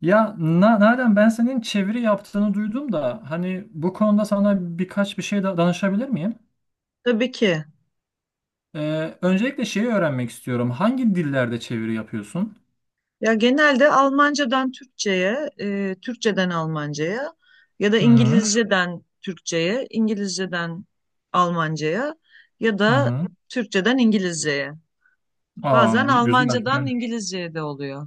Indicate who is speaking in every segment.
Speaker 1: Ya Nalan, ben senin çeviri yaptığını duydum da hani bu konuda sana birkaç bir şey da danışabilir miyim?
Speaker 2: Tabii ki.
Speaker 1: Öncelikle şeyi öğrenmek istiyorum. Hangi dillerde çeviri yapıyorsun?
Speaker 2: Ya genelde Almancadan Türkçe'ye, Türkçeden Almanca'ya ya da
Speaker 1: Hı hı.
Speaker 2: İngilizceden Türkçe'ye, İngilizceden Almanca'ya ya
Speaker 1: Hı
Speaker 2: da
Speaker 1: hı.
Speaker 2: Türkçeden İngilizce'ye.
Speaker 1: Aa,
Speaker 2: Bazen
Speaker 1: güzel.
Speaker 2: Almancadan
Speaker 1: Yani
Speaker 2: İngilizce'ye de oluyor.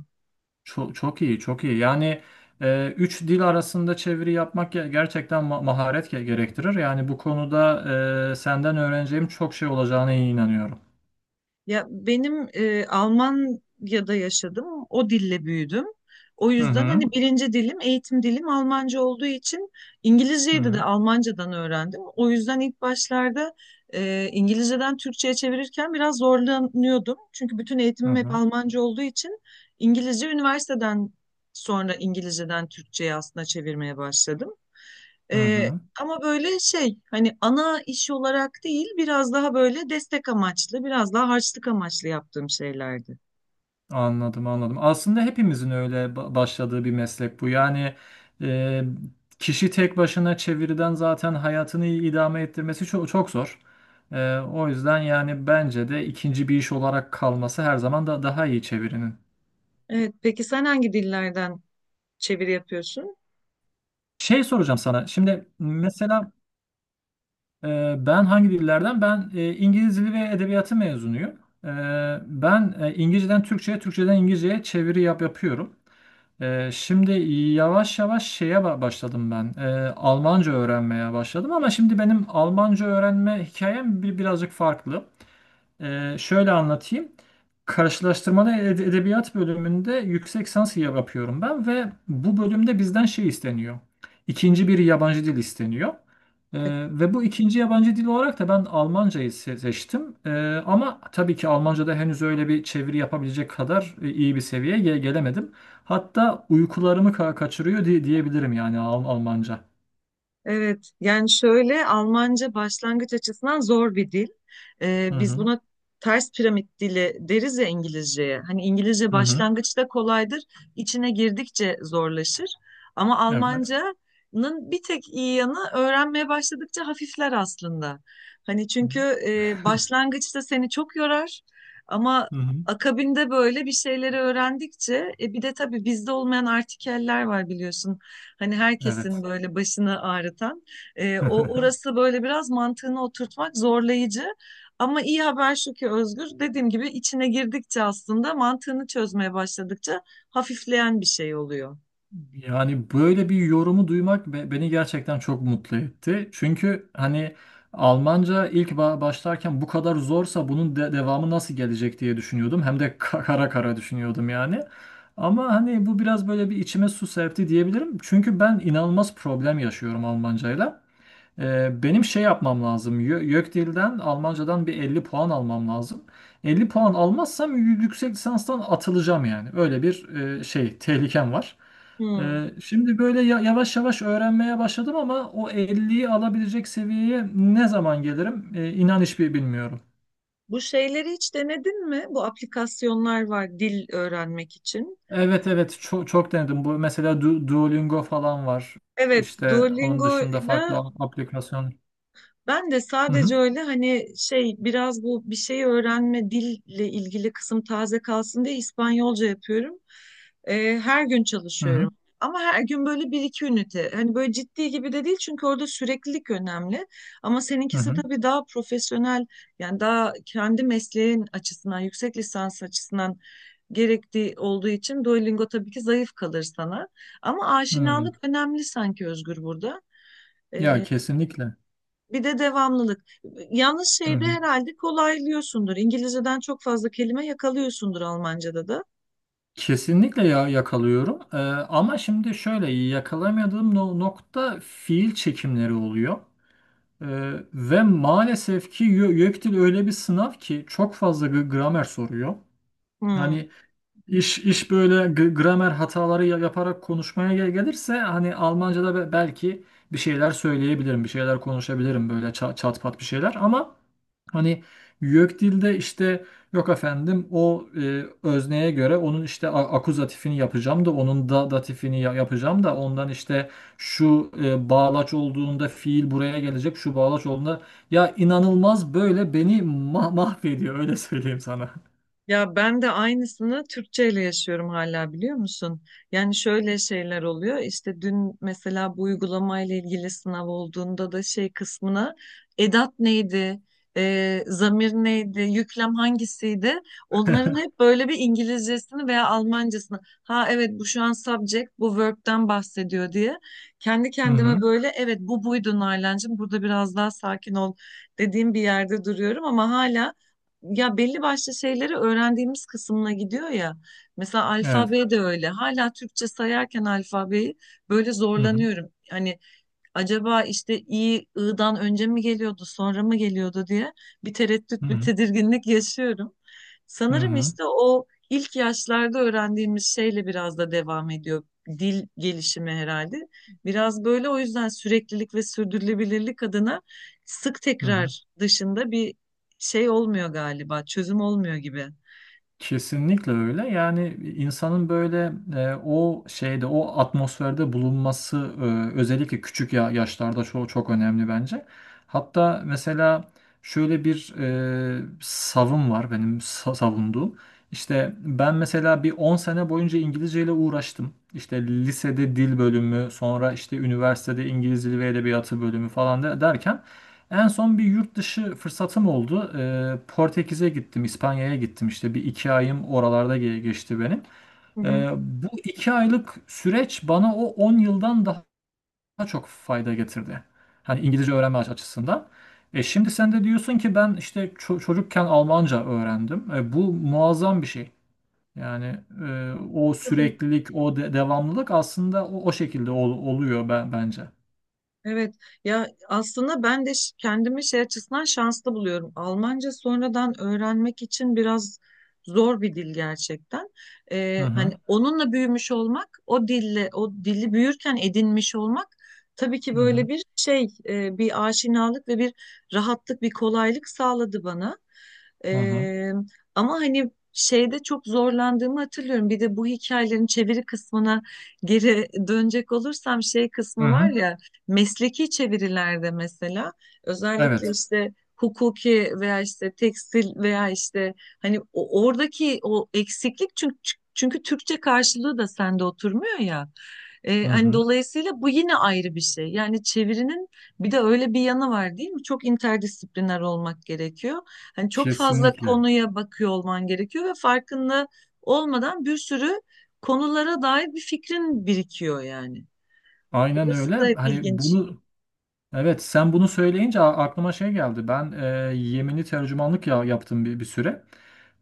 Speaker 1: çok, çok iyi, çok iyi. Yani üç dil arasında çeviri yapmak gerçekten maharet gerektirir. Yani bu konuda senden öğreneceğim çok şey olacağına inanıyorum.
Speaker 2: Ya benim Almanya'da yaşadım. O dille büyüdüm. O
Speaker 1: Hı
Speaker 2: yüzden
Speaker 1: hı.
Speaker 2: hani birinci dilim, eğitim dilim Almanca olduğu için
Speaker 1: Hı
Speaker 2: İngilizceyi de
Speaker 1: hı.
Speaker 2: Almancadan öğrendim. O yüzden ilk başlarda İngilizceden Türkçe'ye çevirirken biraz zorlanıyordum. Çünkü bütün
Speaker 1: Hı
Speaker 2: eğitimim hep
Speaker 1: hı.
Speaker 2: Almanca olduğu için İngilizce üniversiteden sonra İngilizceden Türkçe'ye aslında çevirmeye başladım.
Speaker 1: Hı
Speaker 2: Ee,
Speaker 1: hı.
Speaker 2: ama böyle şey hani ana iş olarak değil biraz daha böyle destek amaçlı biraz daha harçlık amaçlı yaptığım şeylerdi.
Speaker 1: Anladım, anladım. Aslında hepimizin öyle başladığı bir meslek bu. Yani e, kişi tek başına çeviriden zaten hayatını idame ettirmesi çok, çok zor. O yüzden yani bence de ikinci bir iş olarak kalması her zaman da daha iyi çevirinin.
Speaker 2: Evet, peki sen hangi dillerden çeviri yapıyorsun?
Speaker 1: Şey soracağım sana. Şimdi mesela ben hangi dillerden? Ben İngiliz Dili ve Edebiyatı mezunuyum. Ee, Ben İngilizceden Türkçe'ye, Türkçeden İngilizce'ye çeviri yapıyorum. Şimdi yavaş yavaş şeye başladım ben. Almanca öğrenmeye başladım, ama şimdi benim Almanca öğrenme hikayem birazcık farklı. Şöyle anlatayım. Karşılaştırmalı edebiyat bölümünde yüksek lisans yapıyorum ben ve bu bölümde bizden şey isteniyor. İkinci bir yabancı dil isteniyor. Ve bu ikinci yabancı dil olarak da ben Almancayı seçtim. Ama tabii ki Almanca'da henüz öyle bir çeviri yapabilecek kadar iyi bir seviyeye gelemedim. Hatta uykularımı kaçırıyor diye diyebilirim, yani Almanca.
Speaker 2: Evet, yani şöyle Almanca başlangıç açısından zor bir dil. Ee,
Speaker 1: Hı
Speaker 2: biz
Speaker 1: hı.
Speaker 2: buna ters piramit dili deriz ya İngilizceye. Hani İngilizce
Speaker 1: Hı hı.
Speaker 2: başlangıçta kolaydır, içine girdikçe zorlaşır. Ama
Speaker 1: Evet.
Speaker 2: Almanca'nın bir tek iyi yanı öğrenmeye başladıkça hafifler aslında. Hani
Speaker 1: Hı
Speaker 2: çünkü başlangıçta seni çok yorar ama
Speaker 1: hı.
Speaker 2: akabinde böyle bir şeyleri öğrendikçe bir de tabii bizde olmayan artikeller var biliyorsun. Hani herkesin
Speaker 1: Evet.
Speaker 2: böyle başını ağrıtan. O orası böyle biraz mantığını oturtmak zorlayıcı. Ama iyi haber şu ki Özgür, dediğim gibi içine girdikçe aslında mantığını çözmeye başladıkça hafifleyen bir şey oluyor.
Speaker 1: Yani böyle bir yorumu duymak beni gerçekten çok mutlu etti. Çünkü hani Almanca ilk başlarken bu kadar zorsa bunun devamı nasıl gelecek diye düşünüyordum. Hem de kara kara düşünüyordum yani. Ama hani bu biraz böyle bir içime su serpti diyebilirim. Çünkü ben inanılmaz problem yaşıyorum Almancayla. Benim şey yapmam lazım. YÖKDİL'den Almancadan bir 50 puan almam lazım. 50 puan almazsam yüksek lisanstan atılacağım yani. Öyle bir şey tehlikem var.
Speaker 2: Hmm.
Speaker 1: Şimdi böyle yavaş yavaş öğrenmeye başladım, ama o 50'yi alabilecek seviyeye ne zaman gelirim? İnan hiçbir bilmiyorum.
Speaker 2: Bu şeyleri hiç denedin mi? Bu aplikasyonlar var dil öğrenmek için.
Speaker 1: Evet, evet, çok, çok denedim. Bu mesela Duolingo falan var.
Speaker 2: Evet,
Speaker 1: İşte onun dışında
Speaker 2: Duolingo'yla
Speaker 1: farklı aplikasyon.
Speaker 2: ben de
Speaker 1: Hı
Speaker 2: sadece
Speaker 1: hı,
Speaker 2: öyle hani şey biraz bu bir şey öğrenme dille ilgili kısım taze kalsın diye İspanyolca yapıyorum. Her gün çalışıyorum.
Speaker 1: hı
Speaker 2: Ama her gün böyle bir iki ünite. Hani böyle ciddi gibi de değil çünkü orada süreklilik önemli. Ama
Speaker 1: hı,
Speaker 2: seninkisi
Speaker 1: hı.
Speaker 2: tabii daha profesyonel, yani daha kendi mesleğin açısından yüksek lisans açısından gerektiği olduğu için Duolingo tabii ki zayıf kalır sana. Ama
Speaker 1: Hı. Hı.
Speaker 2: aşinalık önemli sanki Özgür burada.
Speaker 1: Ya kesinlikle.
Speaker 2: Bir de devamlılık. Yalnız
Speaker 1: Hı
Speaker 2: şeyde
Speaker 1: hı.
Speaker 2: herhalde kolaylıyorsundur. İngilizceden çok fazla kelime yakalıyorsundur Almanca'da da.
Speaker 1: Kesinlikle, ya, yakalıyorum. Ama şimdi şöyle yakalamadığım nokta fiil çekimleri oluyor. Ve maalesef ki YÖKDİL öyle bir sınav ki çok fazla gramer soruyor.
Speaker 2: Hmm.
Speaker 1: Hani iş böyle gramer hataları yaparak konuşmaya gelirse, hani Almanca'da belki bir şeyler söyleyebilirim, bir şeyler konuşabilirim böyle çat pat bir şeyler, ama hani YÖKDİL'de işte, yok efendim, o özneye göre onun işte akuzatifini yapacağım da, onun da datifini yapacağım da, ondan işte şu bağlaç olduğunda fiil buraya gelecek, şu bağlaç olduğunda, ya inanılmaz böyle beni mahvediyor, öyle söyleyeyim sana.
Speaker 2: Ya ben de aynısını Türkçeyle yaşıyorum hala biliyor musun? Yani şöyle şeyler oluyor. İşte dün mesela bu uygulamayla ilgili sınav olduğunda da şey kısmına edat neydi, zamir neydi, yüklem hangisiydi? Onların hep böyle bir İngilizcesini veya Almancasını. Ha evet, bu şu an subject, bu verb'den bahsediyor diye. Kendi
Speaker 1: Hı hı.
Speaker 2: kendime böyle evet bu buydu Nalan'cığım burada biraz daha sakin ol dediğim bir yerde duruyorum ama hala ya belli başlı şeyleri öğrendiğimiz kısmına gidiyor ya. Mesela
Speaker 1: Evet.
Speaker 2: alfabe de öyle. Hala Türkçe sayarken alfabeyi böyle
Speaker 1: Hı hı.
Speaker 2: zorlanıyorum. Hani acaba işte i i'dan önce mi geliyordu sonra mı geliyordu diye bir
Speaker 1: Hı
Speaker 2: tereddüt bir
Speaker 1: hı.
Speaker 2: tedirginlik yaşıyorum.
Speaker 1: Hı
Speaker 2: Sanırım
Speaker 1: hı.
Speaker 2: işte o ilk yaşlarda öğrendiğimiz şeyle biraz da devam ediyor dil gelişimi herhalde. Biraz böyle o yüzden süreklilik ve sürdürülebilirlik adına sık
Speaker 1: Hı hı.
Speaker 2: tekrar dışında bir şey olmuyor galiba, çözüm olmuyor gibi.
Speaker 1: Kesinlikle öyle. Yani insanın böyle o şeyde, o atmosferde bulunması özellikle küçük yaşlarda çok çok önemli bence. Hatta mesela şöyle bir savım var benim savunduğum. İşte ben mesela bir 10 sene boyunca İngilizce ile uğraştım. İşte lisede dil bölümü, sonra işte üniversitede İngiliz Dili ve Edebiyatı bölümü falan derken en son bir yurt dışı fırsatım oldu. Portekiz'e gittim, İspanya'ya gittim. İşte bir iki ayım oralarda geçti benim.
Speaker 2: Hı hı.
Speaker 1: Bu 2 aylık süreç bana o 10 yıldan daha çok fayda getirdi. Hani İngilizce öğrenme açısından. Şimdi sen de diyorsun ki ben işte çocukken Almanca öğrendim. Bu muazzam bir şey. Yani o
Speaker 2: Tabii.
Speaker 1: süreklilik, o devamlılık aslında o şekilde oluyor ben bence.
Speaker 2: Evet, ya aslında ben de kendimi şey açısından şanslı buluyorum. Almanca sonradan öğrenmek için biraz zor bir dil gerçekten.
Speaker 1: Hı
Speaker 2: Ee,
Speaker 1: hı,
Speaker 2: hani onunla büyümüş olmak, o dille, o dili büyürken edinmiş olmak tabii ki
Speaker 1: hı
Speaker 2: böyle
Speaker 1: hı,
Speaker 2: bir şey, bir aşinalık ve bir rahatlık, bir kolaylık sağladı bana.
Speaker 1: hı hı,
Speaker 2: Ee, ama hani şeyde çok zorlandığımı hatırlıyorum. Bir de bu hikayelerin çeviri kısmına geri dönecek olursam şey
Speaker 1: hı
Speaker 2: kısmı var
Speaker 1: hı.
Speaker 2: ya. Mesleki çevirilerde mesela özellikle
Speaker 1: Evet.
Speaker 2: işte hukuki veya işte tekstil veya işte hani oradaki o eksiklik çünkü Türkçe karşılığı da sende oturmuyor ya. Ee,
Speaker 1: Hı
Speaker 2: hani
Speaker 1: hı.
Speaker 2: dolayısıyla bu yine ayrı bir şey. Yani çevirinin bir de öyle bir yanı var değil mi? Çok interdisipliner olmak gerekiyor. Hani çok fazla
Speaker 1: Kesinlikle.
Speaker 2: konuya bakıyor olman gerekiyor ve farkında olmadan bir sürü konulara dair bir fikrin birikiyor yani.
Speaker 1: Aynen öyle.
Speaker 2: Orası da hep
Speaker 1: Hani
Speaker 2: ilginç.
Speaker 1: bunu, evet, sen bunu söyleyince aklıma şey geldi. Ben Yemeni tercümanlık, yaptım bir süre.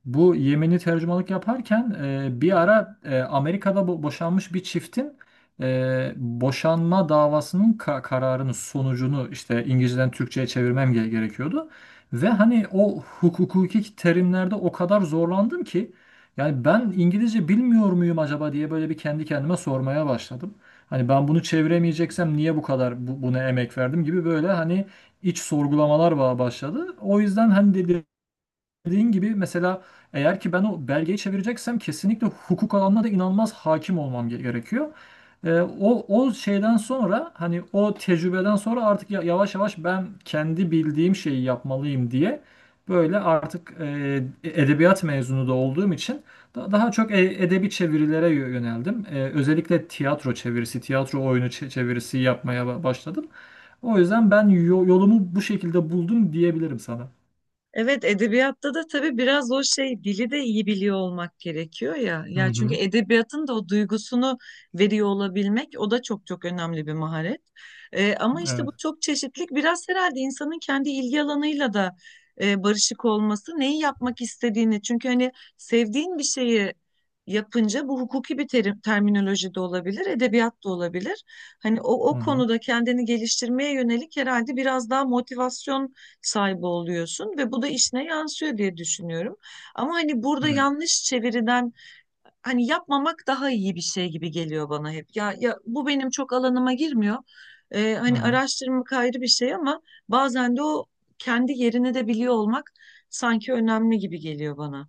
Speaker 1: Bu Yemeni tercümanlık yaparken bir ara Amerika'da boşanmış bir çiftin boşanma davasının kararının sonucunu işte İngilizceden Türkçe'ye çevirmem gerekiyordu. Ve hani o hukuki terimlerde o kadar zorlandım ki, yani ben İngilizce bilmiyor muyum acaba diye böyle bir kendi kendime sormaya başladım. Hani ben bunu çeviremeyeceksem niye bu kadar buna emek verdim gibi böyle hani iç sorgulamalar başladı. O yüzden hani dediğin gibi, mesela eğer ki ben o belgeyi çevireceksem kesinlikle hukuk alanına da inanılmaz hakim olmam gerekiyor. O şeyden sonra, hani o tecrübeden sonra artık yavaş yavaş ben kendi bildiğim şeyi yapmalıyım diye böyle artık, edebiyat mezunu da olduğum için daha çok edebi çevirilere yöneldim. Özellikle tiyatro çevirisi, tiyatro oyunu çevirisi yapmaya başladım. O yüzden ben yolumu bu şekilde buldum diyebilirim sana.
Speaker 2: Evet, edebiyatta da tabii biraz o şey dili de iyi biliyor olmak gerekiyor ya.
Speaker 1: Hı
Speaker 2: Ya çünkü
Speaker 1: hı.
Speaker 2: edebiyatın da o duygusunu veriyor olabilmek o da çok çok önemli bir maharet. Ama işte bu
Speaker 1: Evet.
Speaker 2: çok çeşitlilik biraz herhalde insanın kendi ilgi alanıyla da barışık olması, neyi yapmak istediğini. Çünkü hani sevdiğin bir şeyi yapınca bu hukuki bir terim, terminoloji de olabilir, edebiyat da olabilir. Hani o,
Speaker 1: Hı
Speaker 2: o
Speaker 1: hı.
Speaker 2: konuda kendini geliştirmeye yönelik herhalde biraz daha motivasyon sahibi oluyorsun ve bu da işine yansıyor diye düşünüyorum. Ama hani burada
Speaker 1: Evet.
Speaker 2: yanlış çeviriden hani yapmamak daha iyi bir şey gibi geliyor bana hep. Ya bu benim çok alanıma girmiyor. Ee,
Speaker 1: Hı
Speaker 2: hani
Speaker 1: hı.
Speaker 2: araştırmak ayrı bir şey ama bazen de o kendi yerini de biliyor olmak sanki önemli gibi geliyor bana.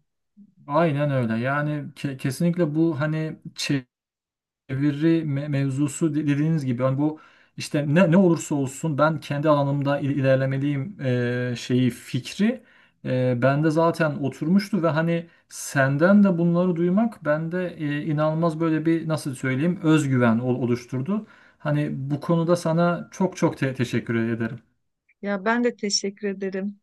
Speaker 1: Aynen öyle. Yani kesinlikle bu hani çeviri mevzusu dediğiniz gibi, hani bu işte ne olursa olsun ben kendi alanımda ilerlemeliyim şeyi fikri bende zaten oturmuştu ve hani senden de bunları duymak bende inanılmaz böyle bir, nasıl söyleyeyim, özgüven oluşturdu. Hani bu konuda sana çok çok teşekkür ederim.
Speaker 2: Ya ben de teşekkür ederim.